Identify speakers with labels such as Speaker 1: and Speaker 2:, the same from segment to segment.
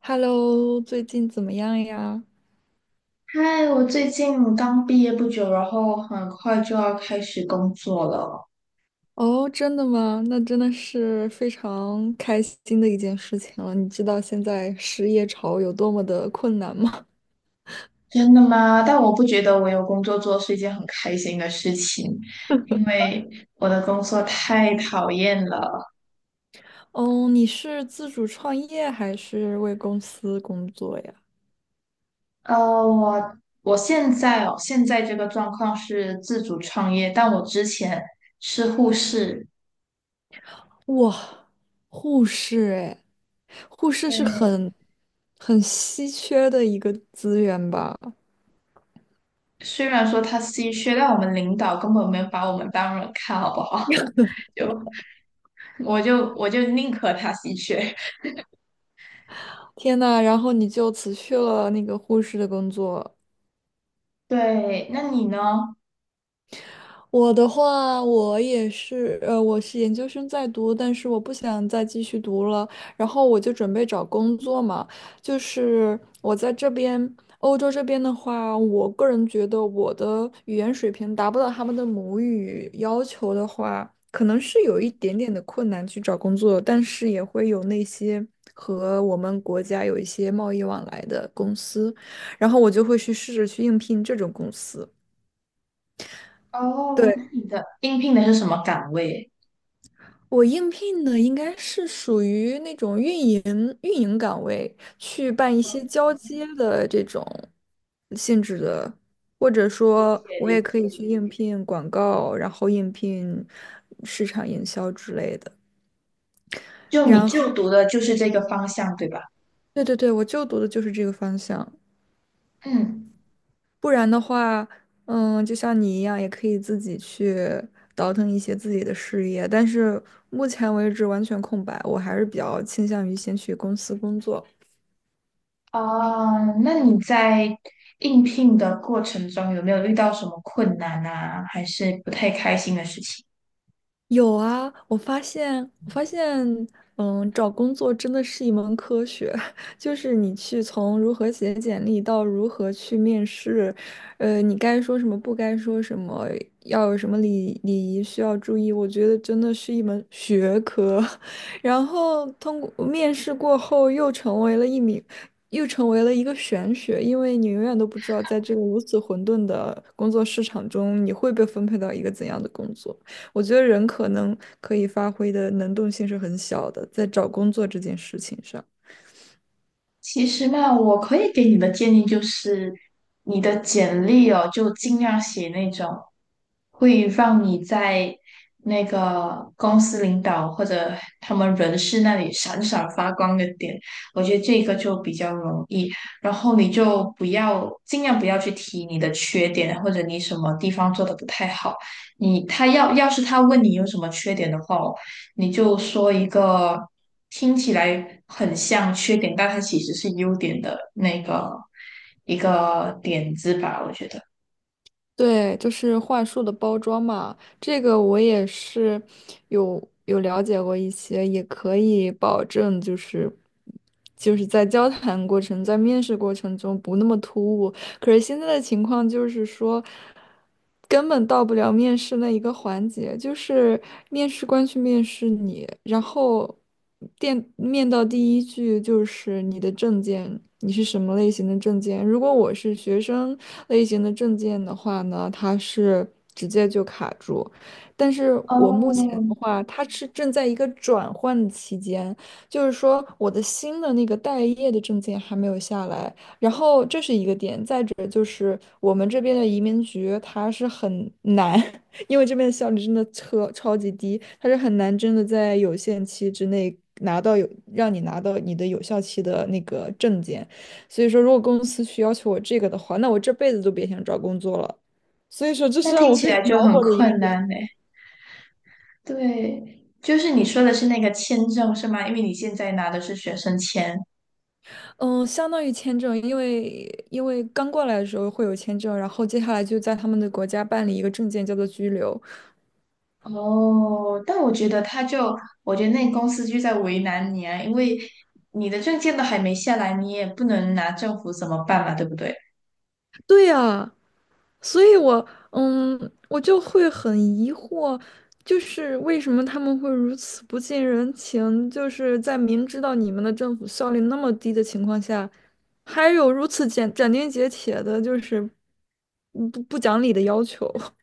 Speaker 1: Hello，最近怎么样呀？
Speaker 2: 嗨，我最近刚毕业不久，然后很快就要开始工作了。
Speaker 1: 哦，真的吗？那真的是非常开心的一件事情了。你知道现在失业潮有多么的困难吗？
Speaker 2: 真的吗？但我不觉得我有工作做是一件很开心的事情，因为我的工作太讨厌了。
Speaker 1: 哦，你是自主创业还是为公司工作呀？
Speaker 2: 呃，我我现在哦，现在这个状况是自主创业，但我之前是护士。
Speaker 1: 哇，护士哎，护士是
Speaker 2: 对，
Speaker 1: 很稀缺的一个资源吧？
Speaker 2: 虽然说他稀缺，但我们领导根本没有把我们当人看，好不好？就我就宁可他稀缺。
Speaker 1: 天呐，然后你就辞去了那个护士的工作。
Speaker 2: 对，那你呢？
Speaker 1: 我的话，我也是，我是研究生在读，但是我不想再继续读了，然后我就准备找工作嘛。就是我在这边，欧洲这边的话，我个人觉得我的语言水平达不到他们的母语要求的话，可能是有一点点的困难去找工作，但是也会有那些和我们国家有一些贸易往来的公司，然后我就会去试着去应聘这种公司。
Speaker 2: 哦，那
Speaker 1: 对。
Speaker 2: 你的应聘的是什么岗位？
Speaker 1: 我应聘的应该是属于那种运营岗位，去办一些交接的这种性质的，或者
Speaker 2: 理
Speaker 1: 说
Speaker 2: 解
Speaker 1: 我
Speaker 2: 理
Speaker 1: 也可以
Speaker 2: 解。
Speaker 1: 去应聘广告，然后应聘市场营销之类的。
Speaker 2: 就你
Speaker 1: 然后，
Speaker 2: 就读的就是这个方向，对吧？
Speaker 1: 对，我就读的就是这个方向。
Speaker 2: 嗯，
Speaker 1: 不然的话，嗯，就像你一样，也可以自己去倒腾一些自己的事业。但是目前为止完全空白，我还是比较倾向于先去公司工作。
Speaker 2: 啊，那你在应聘的过程中有没有遇到什么困难啊，还是不太开心的事情？
Speaker 1: 有啊，我发现，嗯，找工作真的是一门科学，就是你去从如何写简历到如何去面试，你该说什么，不该说什么，要有什么礼仪需要注意，我觉得真的是一门学科。然后通过面试过后，又成为了一个玄学，因为你永远都不知道在这个如此混沌的工作市场中，你会被分配到一个怎样的工作。我觉得人可能可以发挥的能动性是很小的，在找工作这件事情上。
Speaker 2: 其实嘛，我可以给你的建议就是，你的简历哦，就尽量写那种会让你在那个公司领导或者他们人事那里闪闪发光的点。我觉得这个就比较容易。然后你就不要尽量不要去提你的缺点，或者你什么地方做的不太好。你他要要是他问你有什么缺点的话，你就说一个听起来很像缺点，但它其实是优点的那个一个点子吧，我觉得。
Speaker 1: 对，就是话术的包装嘛，这个我也是有了解过一些，也可以保证就是在交谈过程、在面试过程中不那么突兀，可是现在的情况就是说，根本到不了面试那一个环节，就是面试官去面试你，然后电面到第一句就是你的证件，你是什么类型的证件？如果我是学生类型的证件的话呢，它是直接就卡住，但是我目前
Speaker 2: 哦，
Speaker 1: 的话，它是正在一个转换期间。就是说我的新的那个待业的证件还没有下来，然后这是一个点，再者就是我们这边的移民局它是很难，因为这边的效率真的超级低，它是很难真的在有限期之内拿到让你拿到你的有效期的那个证件，所以说如果公司去要求我这个的话，那我这辈子都别想找工作了。所以说这
Speaker 2: 那
Speaker 1: 是让
Speaker 2: 听
Speaker 1: 我
Speaker 2: 起
Speaker 1: 非常
Speaker 2: 来就
Speaker 1: 恼
Speaker 2: 很
Speaker 1: 火的一个
Speaker 2: 困难
Speaker 1: 点。
Speaker 2: 呢。对，就是你说的是那个签证是吗？因为你现在拿的是学生签。
Speaker 1: 嗯，相当于签证，因为刚过来的时候会有签证，然后接下来就在他们的国家办理一个证件，叫做居留。
Speaker 2: 哦，但我觉得他就，我觉得那公司就在为难你啊，因为你的证件都还没下来，你也不能拿政府怎么办嘛，对不对？
Speaker 1: 对呀，所以我，嗯，我就会很疑惑，就是为什么他们会如此不近人情？就是在明知道你们的政府效率那么低的情况下，还有如此斩钉截铁的，就是不讲理的要求。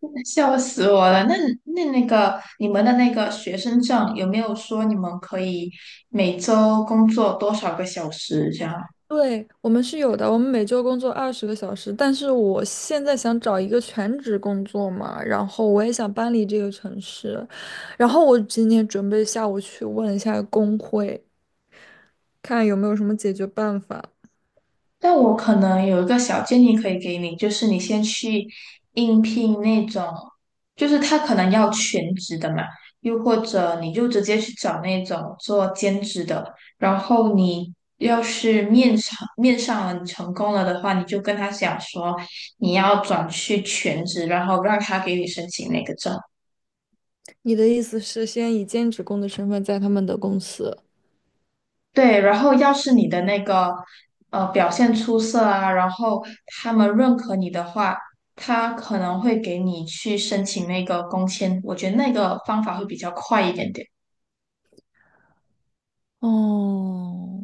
Speaker 2: 笑死我了！那那个你们的那个学生证有没有说你们可以每周工作多少个小时这样？
Speaker 1: 对，我们是有的，我们每周工作20个小时，但是我现在想找一个全职工作嘛，然后我也想搬离这个城市，然后我今天准备下午去问一下工会。看有没有什么解决办法。
Speaker 2: 但我可能有一个小建议可以给你，就是你先去应聘那种，就是他可能要全职的嘛，又或者你就直接去找那种做兼职的，然后你要是面上了，你成功了的话，你就跟他讲说你要转去全职，然后让他给你申请那个证。
Speaker 1: 你的意思是先以兼职工的身份在他们的公司？
Speaker 2: 对，然后要是你的那个表现出色啊，然后他们认可你的话，他可能会给你去申请那个工签。我觉得那个方法会比较快一点点。
Speaker 1: 哦，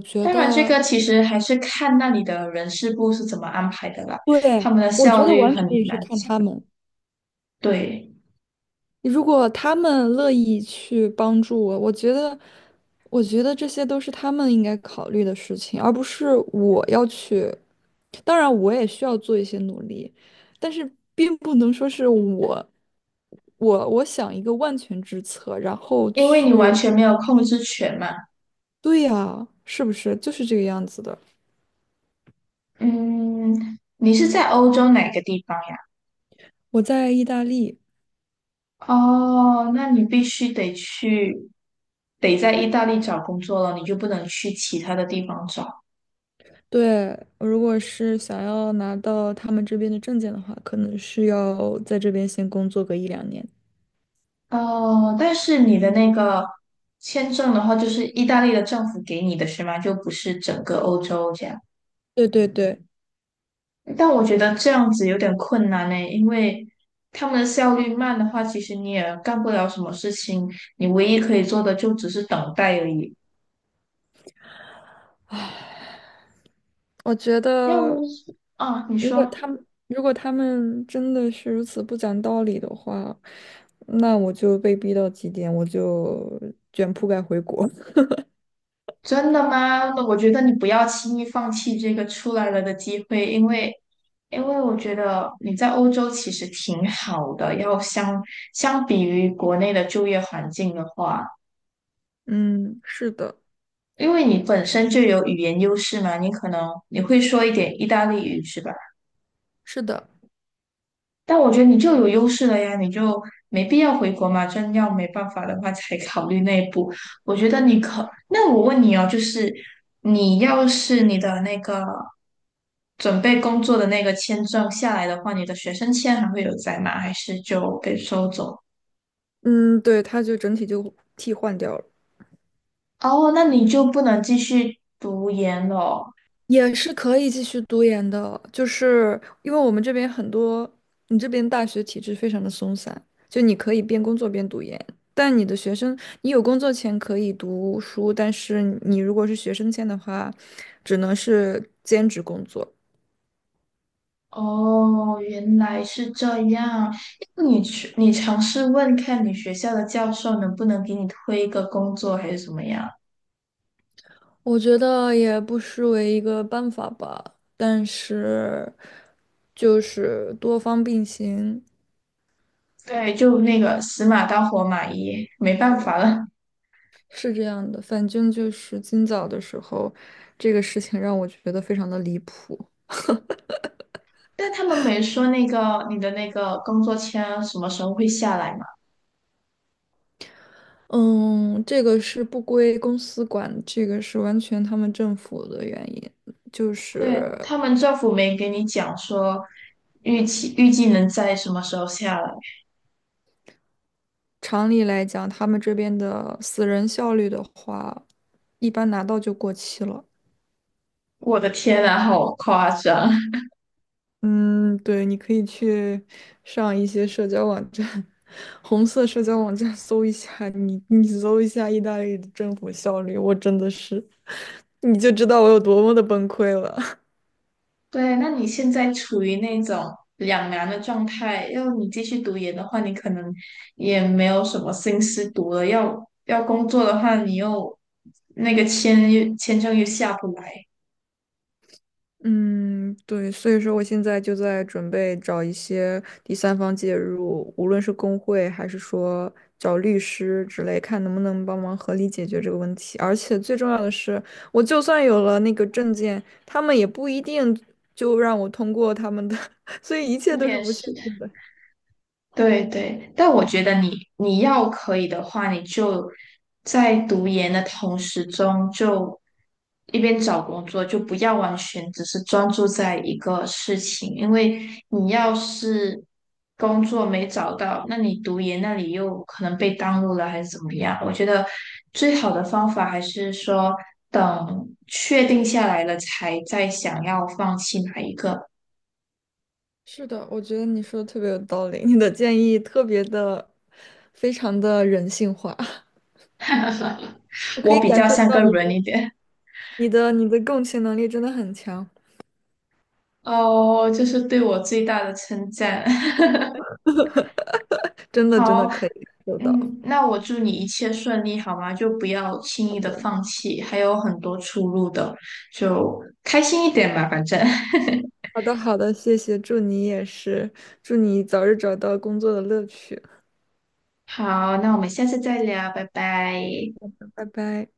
Speaker 1: 我觉
Speaker 2: 当然，这
Speaker 1: 得，
Speaker 2: 个其实还是看那里的人事部是怎么安排的啦，
Speaker 1: 对，
Speaker 2: 他们的
Speaker 1: 我觉
Speaker 2: 效
Speaker 1: 得
Speaker 2: 率
Speaker 1: 完
Speaker 2: 很
Speaker 1: 全也是
Speaker 2: 难
Speaker 1: 看
Speaker 2: 讲。
Speaker 1: 他们。
Speaker 2: 对，
Speaker 1: 如果他们乐意去帮助我，我觉得这些都是他们应该考虑的事情，而不是我要去。当然，我也需要做一些努力，但是并不能说是我，我想一个万全之策，然后
Speaker 2: 因为你完
Speaker 1: 去。
Speaker 2: 全没有控制权嘛。
Speaker 1: 对呀，是不是就是这个样子的？
Speaker 2: 嗯，你是在欧洲哪个地方呀？
Speaker 1: 我在意大利，
Speaker 2: 哦，那你必须得去，得在意大利找工作了，你就不能去其他的地方找。
Speaker 1: 对，如果是想要拿到他们这边的证件的话，可能是要在这边先工作个1到2年。
Speaker 2: 哦，但是你的那个签证的话，就是意大利的政府给你的是吗？就不是整个欧洲这样。
Speaker 1: 对，
Speaker 2: 但我觉得这样子有点困难呢，因为他们的效率慢的话，其实你也干不了什么事情，你唯一可以做的就只是等待而已。
Speaker 1: 唉，我觉
Speaker 2: 要不
Speaker 1: 得
Speaker 2: 是啊，你说。
Speaker 1: 如果他们真的是如此不讲道理的话，那我就被逼到极点，我就卷铺盖回国。
Speaker 2: 真的吗？那我觉得你不要轻易放弃这个出来了的机会，因为，因为我觉得你在欧洲其实挺好的，要相比于国内的就业环境的话，
Speaker 1: 嗯，是的，
Speaker 2: 因为你本身就有语言优势嘛，你可能你会说一点意大利语是吧？
Speaker 1: 是的，
Speaker 2: 但我觉得你就有优势了呀，你就没必要回国嘛。真要没办法的话，才考虑内部。我觉得你可，那我问你哦，就是你要是你的那个准备工作的那个签证下来的话，你的学生签还会有在吗？还是就被收走？
Speaker 1: 嗯，对，他就整体就替换掉了。
Speaker 2: 哦，那你就不能继续读研了哦。
Speaker 1: 也是可以继续读研的，就是因为我们这边很多，你这边大学体制非常的松散，就你可以边工作边读研，但你的学生，你有工作前可以读书，但是你如果是学生签的话，只能是兼职工作。
Speaker 2: 哦原来是这样。你去，你尝试问看你学校的教授能不能给你推一个工作，还是怎么样？
Speaker 1: 我觉得也不失为一个办法吧，但是就是多方并行。
Speaker 2: 对，就那个死马当活马医，没办
Speaker 1: 对。
Speaker 2: 法了。
Speaker 1: 是这样的，反正就是今早的时候，这个事情让我觉得非常的离谱。
Speaker 2: 但他们没说那个你的那个工作签什么时候会下来嘛？
Speaker 1: 嗯，这个是不归公司管，这个是完全他们政府的原因。就
Speaker 2: 对，
Speaker 1: 是
Speaker 2: 他们政府没给你讲说预计能在什么时候下来。
Speaker 1: 常理来讲，他们这边的死人效率的话，一般拿到就过期了。
Speaker 2: 我的天啊，好夸张！
Speaker 1: 嗯，对，你可以去上一些社交网站，红色社交网站搜一下，你搜一下意大利的政府效率，我真的是，你就知道我有多么的崩溃了。
Speaker 2: 对，那你现在处于那种两难的状态，要你继续读研的话，你可能也没有什么心思读了；要工作的话，你又签证又下不来。
Speaker 1: 嗯，对，所以说我现在就在准备找一些第三方介入，无论是工会还是说找律师之类，看能不能帮忙合理解决这个问题。而且最重要的是，我就算有了那个证件，他们也不一定就让我通过他们的，所以一切都是
Speaker 2: 面
Speaker 1: 不确
Speaker 2: 试。
Speaker 1: 定的。
Speaker 2: 对对，但我觉得你要可以的话，你就在读研的同时中，就一边找工作，就不要完全只是专注在一个事情，因为你要是工作没找到，那你读研那里又可能被耽误了，还是怎么样？我觉得最好的方法还是说等确定下来了才再想要放弃哪一个，
Speaker 1: 是的，我觉得你说的特别有道理，你的建议特别的，非常的人性化，我可
Speaker 2: 我
Speaker 1: 以
Speaker 2: 比
Speaker 1: 感
Speaker 2: 较
Speaker 1: 受
Speaker 2: 像个
Speaker 1: 到你
Speaker 2: 人
Speaker 1: 的、
Speaker 2: 一点。
Speaker 1: 你的、你的共情能力真的很强。
Speaker 2: 哦，这是对我最大的称赞。
Speaker 1: 真的真
Speaker 2: 好，
Speaker 1: 的可以感受到。
Speaker 2: 嗯，那我祝你一切顺利，好吗？就不要轻
Speaker 1: 好
Speaker 2: 易的
Speaker 1: 的，
Speaker 2: 放弃，还有很多出路的，就开心一点吧，反正。
Speaker 1: 好的，谢谢，祝你也是，祝你早日找到工作的乐趣，
Speaker 2: 好，那我们下次再聊，拜拜。
Speaker 1: 拜拜。